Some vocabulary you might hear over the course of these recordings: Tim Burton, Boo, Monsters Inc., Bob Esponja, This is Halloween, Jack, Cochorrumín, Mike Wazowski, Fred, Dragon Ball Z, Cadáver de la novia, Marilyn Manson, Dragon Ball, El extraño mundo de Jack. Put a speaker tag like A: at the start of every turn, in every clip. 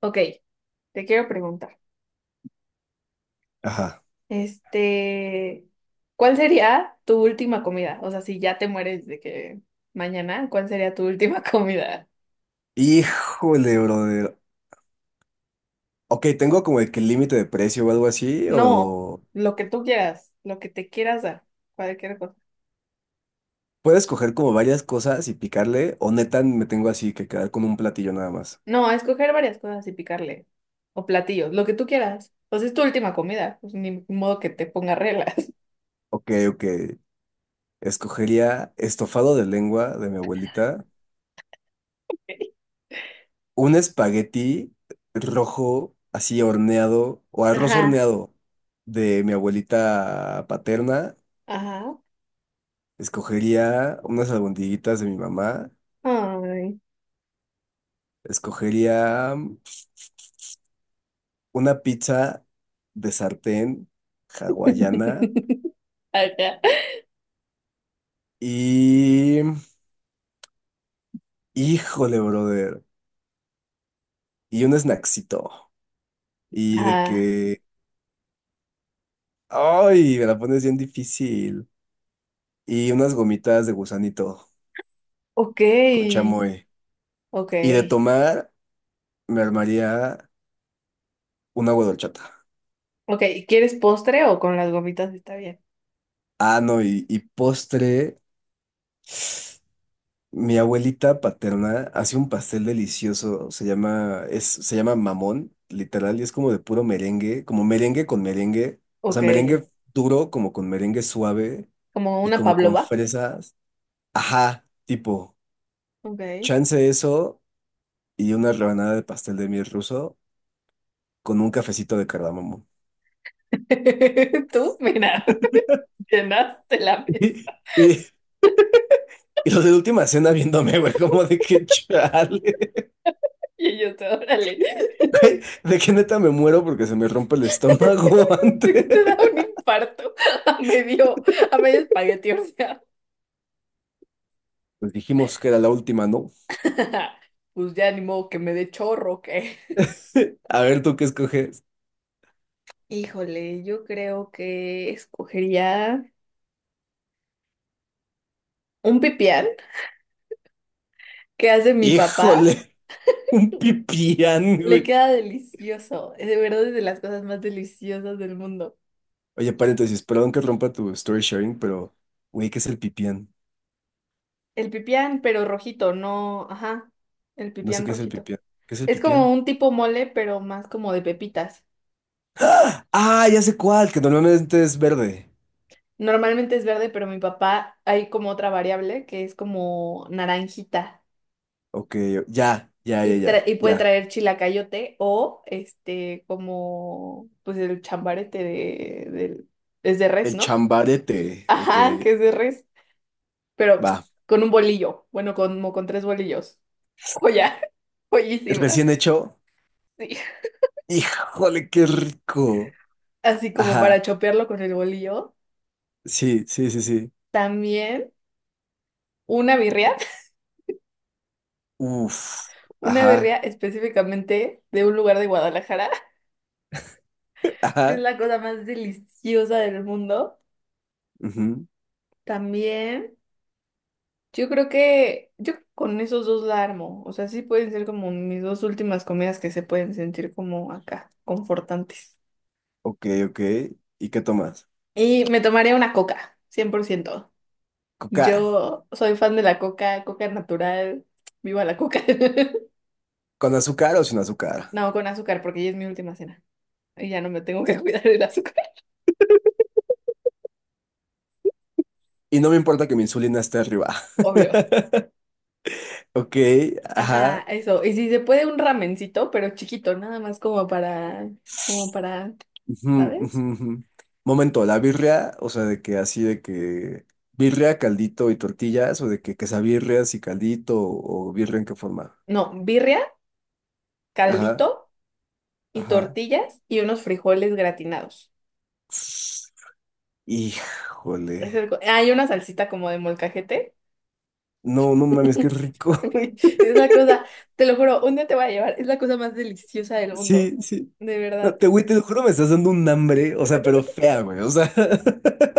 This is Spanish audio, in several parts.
A: Ok, te quiero preguntar,
B: Ajá.
A: este, ¿cuál sería tu última comida? O sea, si ya te mueres de que mañana, ¿cuál sería tu última comida?
B: Híjole, brother. Ok, tengo como el que límite de precio o algo así,
A: No,
B: o
A: lo que tú quieras, lo que te quieras dar, cualquier cosa.
B: puedo escoger como varias cosas y picarle, o neta me tengo así que quedar con un platillo nada más.
A: No, escoger varias cosas y picarle, o platillos, lo que tú quieras. Pues es tu última comida, pues ni modo que te ponga reglas.
B: Ok, ok. Escogería estofado de lengua de mi abuelita, un espagueti rojo así horneado, o arroz
A: Ajá,
B: horneado de mi abuelita paterna.
A: ajá.
B: Escogería unas albondiguitas de mi mamá.
A: Ay.
B: Escogería una pizza de sartén hawaiana
A: Ajá.
B: y Híjole, brother. Y un snacksito. Y de
A: Ajá.
B: que... ¡Ay! Me la pones bien difícil. Y unas gomitas de gusanito
A: Ok,
B: con chamoy.
A: ok.
B: Y de tomar, me armaría un agua de horchata.
A: Ok, ¿quieres postre o con las gomitas está bien?
B: Ah, no, y postre. Mi abuelita paterna hace un pastel delicioso, se llama mamón, literal, y es como de puro merengue, como merengue con merengue, o
A: Ok,
B: sea, merengue duro, como con merengue suave
A: como
B: y
A: una
B: como con
A: pavlova.
B: fresas. Ajá, tipo,
A: Ok.
B: chance eso y una rebanada de pastel de miel ruso con un cafecito de cardamomo.
A: Tú, mira, llenaste la mesa.
B: Y, y, y los de la última cena viéndome, güey, como de que chale,
A: Y yo te, órale,
B: güey, de que neta me muero porque se me rompe el estómago
A: de que
B: antes.
A: te da un infarto a medio, a medio espagueti, o sea.
B: Pues dijimos que era la última, ¿no?
A: Pues ya ni modo que me dé chorro, que.
B: A ver, ¿tú qué escoges?
A: Híjole, yo creo que escogería un pipián que hace mi papá.
B: ¡Híjole! Un pipián,
A: Le
B: güey.
A: queda delicioso. Es de verdad es de las cosas más deliciosas del mundo.
B: Oye, paréntesis, perdón que rompa tu story sharing, pero, güey, ¿qué es el pipián?
A: El pipián, pero rojito, no, ajá, el
B: No sé
A: pipián
B: qué es el
A: rojito.
B: pipián. ¿Qué es el
A: Es como
B: pipián?
A: un tipo mole, pero más como de pepitas.
B: ¡Ah! ¡Ah! Ya sé cuál, que normalmente es verde.
A: Normalmente es verde, pero mi papá hay como otra variable que es como naranjita
B: Ok, ya, ya,
A: y,
B: ya, ya,
A: y puede
B: ya.
A: traer chilacayote o este como pues el chambarete del- es de res,
B: El
A: ¿no?
B: chambarete. Ok,
A: Ajá, que es de res, pero
B: va.
A: con un bolillo, bueno, como con tres bolillos. Joya, joyísima.
B: Recién hecho.
A: Sí.
B: ¡Híjole, qué rico!
A: Así como
B: Ajá,
A: para chopearlo con el bolillo.
B: sí, sí, sí, sí.
A: También una birria,
B: Uf,
A: una birria
B: ajá,
A: específicamente de un lugar de Guadalajara, que es
B: ajá.
A: la cosa más deliciosa del mundo.
B: Ujú.
A: También, yo creo que yo con esos dos la armo. O sea, sí pueden ser como mis dos últimas comidas que se pueden sentir como acá, confortantes.
B: Ok, ok. ¿Y qué tomas?
A: Y me tomaría una coca, 100%.
B: Coca.
A: Yo soy fan de la coca, coca natural, viva la coca.
B: ¿Con azúcar o sin azúcar?
A: No, con azúcar, porque ya es mi última cena. Y ya no me tengo que cuidar del azúcar,
B: Y no me importa que mi insulina esté arriba.
A: obvio.
B: Ok,
A: Ajá,
B: ajá.
A: eso. Y si se puede un ramencito, pero chiquito, nada más como para, como para,
B: Ujú, ujú,
A: ¿sabes?
B: ujú. Momento, la birria, o sea, de que así de que birria, caldito y tortillas, o de que quesabirrias y caldito, o birria en qué forma.
A: No, birria,
B: Ajá,
A: caldito y
B: ajá.
A: tortillas y unos frijoles gratinados. Es
B: Híjole.
A: el co- Hay una salsita como de molcajete.
B: No, no mames, qué rico.
A: Güey, es la cosa, te lo juro, un día te voy a llevar, es la cosa más deliciosa del mundo.
B: Sí, sí.
A: De
B: No,
A: verdad.
B: te, güey, te lo juro, me estás dando un hambre, o sea, pero fea, güey, o sea.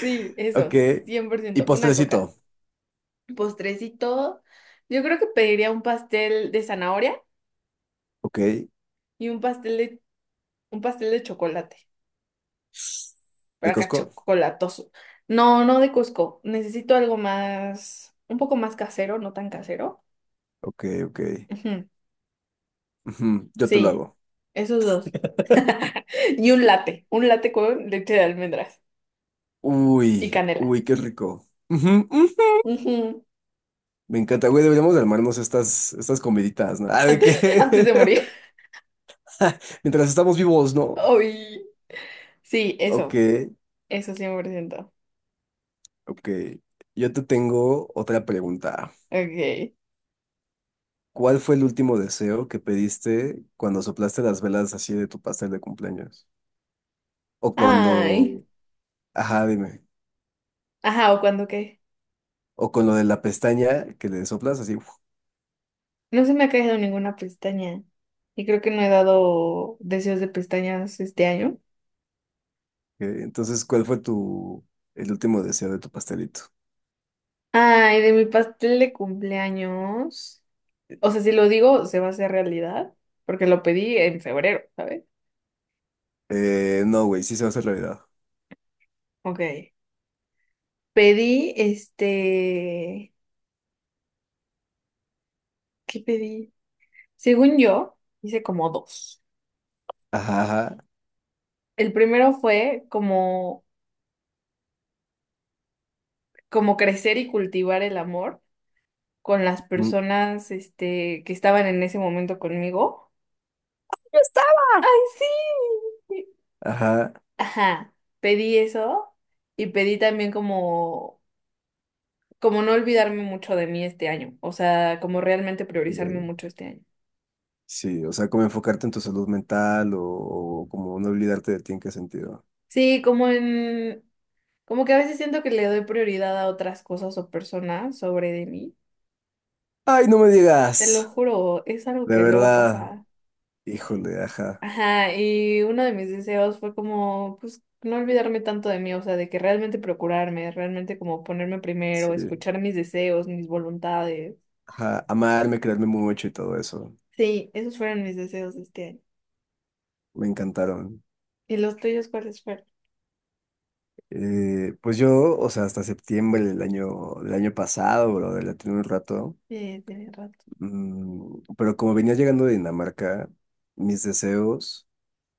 A: Sí, eso,
B: Ok.
A: cien por
B: Y
A: ciento Una coca.
B: postrecito.
A: Postrecito. Yo creo que pediría un pastel de zanahoria
B: Ok.
A: y un pastel de chocolate. Pero
B: ¿De
A: acá
B: Costco?
A: chocolatoso. No, no de Cusco. Necesito algo más, un poco más casero, no tan casero.
B: Ok, ok.
A: Ujú.
B: Ujú, yo te lo
A: Sí,
B: hago.
A: esos dos. Y un latte con leche de almendras y
B: Uy,
A: canela.
B: uy, qué rico. Ujú, ujú.
A: Ujú.
B: Me encanta, güey, deberíamos armarnos estas comiditas, ¿no? Ah, ¿de
A: Antes, antes
B: qué?
A: de morir.
B: Mientras estamos vivos, ¿no?
A: Ay, sí,
B: Ok,
A: eso 100%.
B: ok. Yo te tengo otra pregunta.
A: Ok.
B: ¿Cuál fue el último deseo que pediste cuando soplaste las velas así de tu pastel de cumpleaños? O
A: Ay.
B: cuando, ajá, dime.
A: Ajá, ¿o cuando qué?
B: O con lo de la pestaña que le soplas así.
A: No se me ha caído ninguna pestaña. Y creo que no he dado deseos de pestañas este año.
B: Entonces, ¿cuál fue tu el último deseo de tu pastelito?
A: Ay, de mi pastel de cumpleaños. O sea, si lo digo, se va a hacer realidad, porque lo pedí en febrero, ¿sabes?
B: No, güey, sí se va a hacer realidad.
A: Ok. Pedí, este, ¿qué pedí? Según yo, hice como dos.
B: Ajá, ajá.
A: El primero fue como, como crecer y cultivar el amor con las
B: Mm.
A: personas, este, que estaban en ese momento conmigo. ¡Ay, sí!
B: Ajá.
A: Ajá, pedí eso y pedí también como como no olvidarme mucho de mí este año, o sea, como realmente priorizarme
B: eh,
A: mucho este año.
B: sí, o sea, como enfocarte en tu salud mental o como no olvidarte de ti en qué sentido.
A: Sí, como en, como que a veces siento que le doy prioridad a otras cosas o personas sobre de mí.
B: Ay, no me
A: Te lo
B: digas.
A: juro, es algo
B: De
A: que luego
B: verdad.
A: pasa.
B: Híjole, ajá.
A: Ajá, y uno de mis deseos fue como, pues, no olvidarme tanto de mí, o sea, de que realmente procurarme, realmente como ponerme primero,
B: Sí.
A: escuchar mis deseos, mis voluntades.
B: Ajá, amarme, quererme mucho y todo eso.
A: Sí, esos fueron mis deseos de este año.
B: Me encantaron.
A: ¿Y los tuyos cuáles fueron?
B: Pues yo, o sea, hasta septiembre del año pasado, bro, la tuve un rato.
A: Tienes razón.
B: Mm, pero como venía llegando de Dinamarca, mis deseos,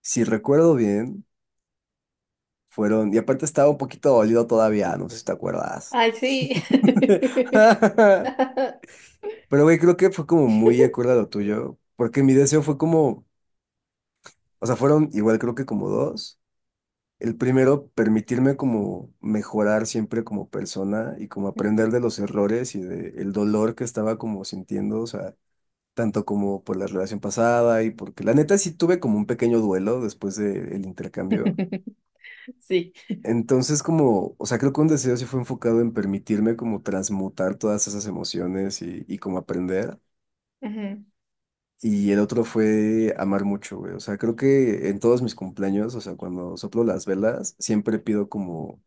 B: si recuerdo bien, fueron. Y aparte estaba un poquito dolido todavía, no sé si te acuerdas.
A: Ay, sí.
B: Pero, güey, creo que fue como muy acorde a lo tuyo, porque mi deseo fue como, o sea, fueron igual creo que como dos. El primero, permitirme como mejorar siempre como persona y como aprender de los errores y del dolor que estaba como sintiendo, o sea, tanto como por la relación pasada y porque la neta sí tuve como un pequeño duelo después del intercambio.
A: Sí.
B: Entonces como, o sea, creo que un deseo sí fue enfocado en permitirme como transmutar todas esas emociones y como aprender. Y el otro fue amar mucho, güey. O sea, creo que en todos mis cumpleaños, o sea, cuando soplo las velas, siempre pido como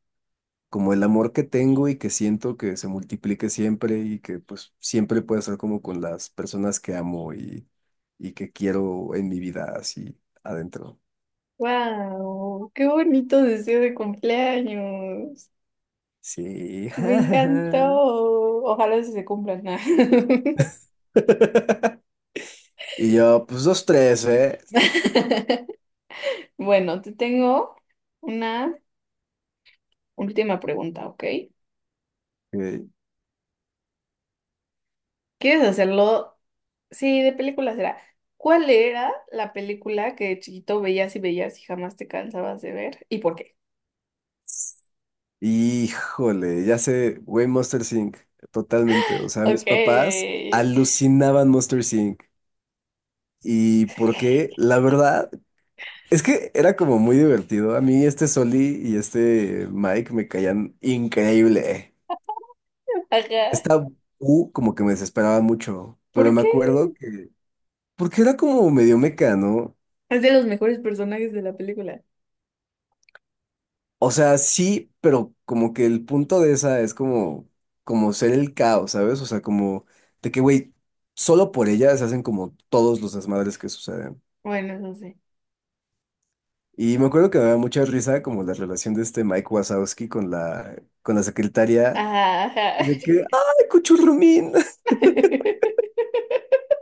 B: como el amor que tengo y que siento que se multiplique siempre y que pues siempre pueda ser como con las personas que amo y que quiero en mi vida así adentro.
A: Wow, qué bonito deseo de cumpleaños.
B: Sí.
A: Me encantó. Ojalá sí se cumplan, ¿no?
B: Y yo, pues dos, tres, ¿eh?
A: Bueno, te tengo una última pregunta, ¿ok?
B: Ok.
A: ¿Quieres hacerlo? Sí, de película será. ¿Cuál era la película que de chiquito veías y veías y jamás te cansabas de ver? ¿Y por qué?
B: Híjole, ya sé, güey, Monster Inc. Totalmente. O sea, mis
A: Ok.
B: papás alucinaban Monster Inc. ¿Y por qué? La verdad. Es que era como muy divertido. A mí este Soli y este Mike me caían increíble.
A: Ajá.
B: Esta U como que me desesperaba mucho, pero
A: ¿Por
B: me
A: qué?
B: acuerdo que... Porque era como medio mecano.
A: Es de los mejores personajes de la película.
B: O sea, sí, pero como que el punto de esa es como, como ser el caos, ¿sabes? O sea, como de que, güey, solo por ella se hacen como todos los desmadres que suceden.
A: Bueno, no sé.
B: Y me acuerdo que me daba mucha risa como la relación de este Mike Wazowski con la secretaria.
A: Ajá, ajá.
B: De que, ¡ay, cuchurrumín!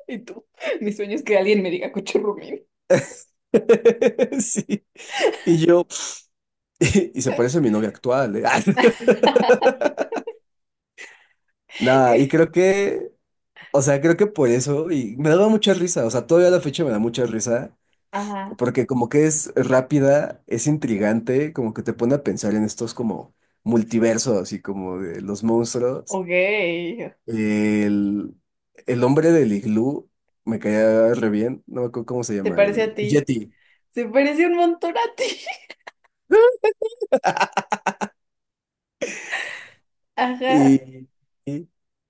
A: Y tú, mi sueño es que alguien me diga Cochorrumín.
B: Sí. Y yo, y se parece a mi novia actual, ¿eh? Nada, y creo que, o sea, creo que por eso, y me daba mucha risa, o sea, todavía a la fecha me da mucha risa,
A: Ajá,
B: porque como que es rápida, es intrigante, como que te pone a pensar en estos como multiversos y como de los monstruos.
A: ok.
B: El, el hombre del iglú me caía re bien, no me acuerdo cómo se
A: ¿Te
B: llama,
A: parece
B: el,
A: a
B: el
A: ti?
B: Yeti.
A: Se parece un montón a ti. Ajá,
B: Y, y,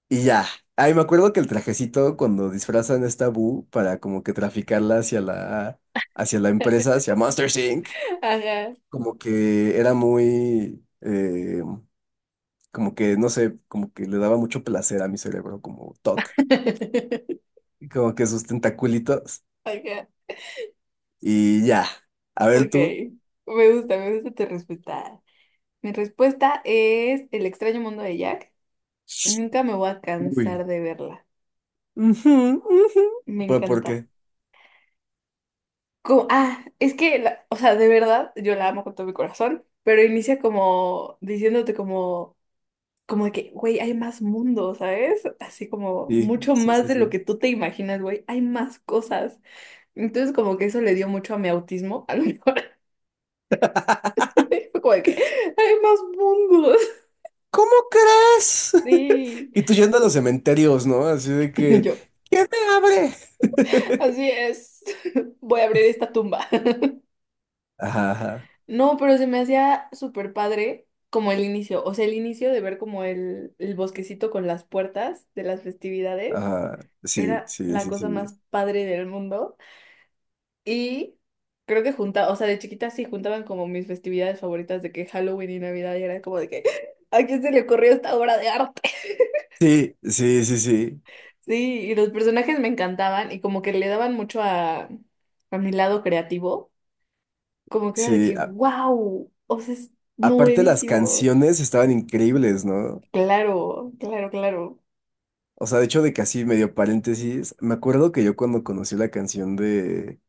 B: y ya. Ay, me acuerdo que el trajecito cuando disfrazan a esta Boo para como que traficarla hacia la empresa, hacia Monsters Inc.,
A: ajá.
B: como que era muy, como que, no sé, como que le daba mucho placer a mi cerebro, como toc, y como que sus tentaculitos.
A: Ajá,
B: Y ya. A ver
A: ok.
B: tú.
A: Me gusta tu respuesta. Mi respuesta es El extraño mundo de Jack. Nunca me voy a
B: Uy.
A: cansar de verla.
B: Ujú, ujú.
A: Me
B: Por
A: encanta.
B: qué?
A: Como- ah, es que, la- o sea, de verdad, yo la amo con todo mi corazón, pero inicia como diciéndote como, como de que, güey, hay más mundo, ¿sabes? Así como
B: Sí,
A: mucho
B: sí,
A: más
B: sí,
A: de lo
B: sí.
A: que tú te imaginas, güey, hay más cosas. Entonces como que eso le dio mucho a mi autismo, a lo mejor, fue como de que, hay más mundos.
B: ¿Cómo crees?
A: Sí.
B: Y tú yendo a los cementerios, ¿no? Así de
A: Y
B: que,
A: yo,
B: ¿quién me abre?
A: así es, voy a abrir esta tumba.
B: Ajá, ajá,
A: No, pero se me hacía súper padre como el inicio, o sea, el inicio de ver como el bosquecito con las puertas de las festividades
B: ajá. Sí,
A: era
B: sí,
A: la
B: sí,
A: cosa
B: sí.
A: más padre del mundo. Y creo que junta, o sea, de chiquita sí juntaban como mis festividades favoritas de que Halloween y Navidad y era como de que, ¿a quién se le ocurrió esta obra de arte?
B: Sí, sí, sí, sí.
A: Sí, y los personajes me encantaban y como que le daban mucho a mi lado creativo, como que era de
B: Sí.
A: que,
B: A-
A: wow, o sea, es
B: Aparte las
A: nuevísimo.
B: canciones estaban increíbles, ¿no?
A: Claro, claro, claro.
B: O sea, de hecho, de que así medio paréntesis, me acuerdo que yo cuando conocí la canción de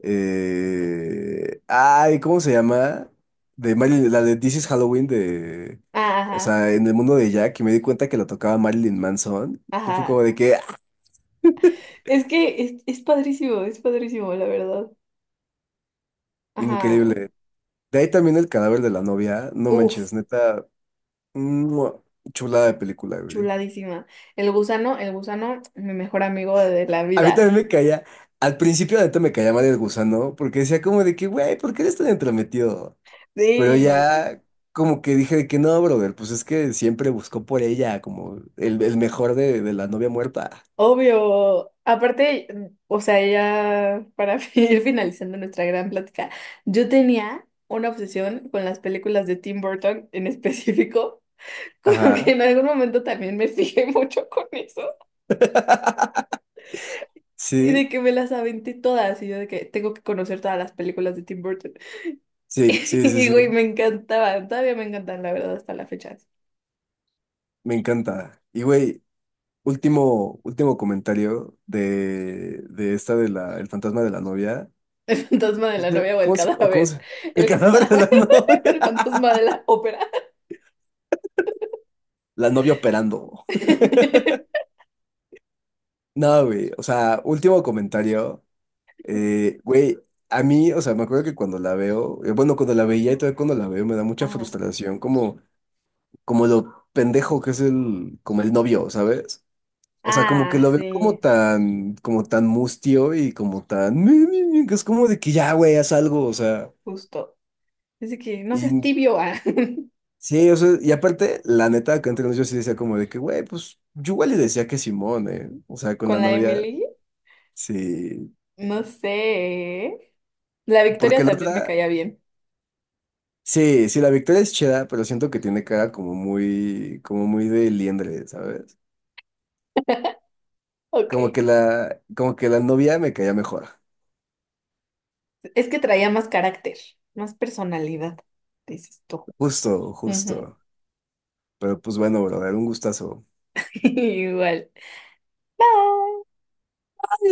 B: ¿Cómo se llama? De Marilyn, la de This is Halloween de...
A: Ah,
B: O
A: ajá,
B: sea, en el mundo de Jack y me di cuenta que la tocaba Marilyn Manson. Yo fue como
A: ajá.
B: de que... ¡Ah!
A: Es que es padrísimo, la verdad. Ajá.
B: Increíble. De ahí también el cadáver de la novia. No
A: Uf,
B: manches, neta. ¡Mua! Chulada de película, güey.
A: chuladísima. El gusano, mi mejor amigo de la
B: A mí
A: vida.
B: también me caía... Al principio neta me caía mal el gusano porque decía como de que, güey, ¿por qué eres tan entrometido? Pero
A: Sí,
B: ya como que dije de que no, brother, pues es que siempre buscó por ella como el mejor de la novia muerta.
A: obvio. Aparte, o sea, ya para ir finalizando nuestra gran plática, yo tenía una obsesión con las películas de Tim Burton en específico, como que
B: Ajá.
A: en algún momento también me fijé mucho con eso. Y de
B: Sí,
A: que me las aventé todas, y yo de que tengo que conocer todas las películas de Tim Burton.
B: sí, sí, sí,
A: Y güey,
B: sí.
A: me encantaban, todavía me encantan, la verdad, hasta la fecha.
B: Me encanta. Y güey, último, último comentario de esta de la, el fantasma de la novia.
A: El fantasma de la
B: Dice,
A: novia o el
B: ¿cómo se, o cómo
A: cadáver.
B: se? El
A: El
B: cadáver de la
A: cadáver,
B: novia.
A: el fantasma de la ópera.
B: La novia operando. No, güey. O sea, último comentario. Güey, a mí, o sea, me acuerdo que cuando la veo, bueno, cuando la veía y todavía cuando la veo me da mucha
A: Ah,
B: frustración, como, como lo pendejo que es el, como el novio, ¿sabes? O sea, como que
A: ah,
B: lo veo
A: sí,
B: como tan mustio y como tan, Mi", que es como de que ya, güey, haz algo, o sea,
A: justo. Dice que no
B: y
A: seas tibio, ah.
B: sí, o sea, y aparte, la neta, que entre nosotros yo sí decía como de que, güey, pues, yo igual le decía que Simón, ¿eh? O sea, con la
A: Con la
B: novia,
A: Emily,
B: sí,
A: no sé. La Victoria
B: porque la
A: también me
B: otra...
A: caía bien.
B: Sí, sí, la Victoria es chida, pero siento que tiene cara como muy de liendre, ¿sabes?
A: Ok.
B: Como que la novia me caía mejor.
A: Es que traía más carácter, más personalidad, dices tú.
B: Justo,
A: Ujú.
B: justo. Pero pues bueno, brother, un gustazo.
A: Igual. Bye.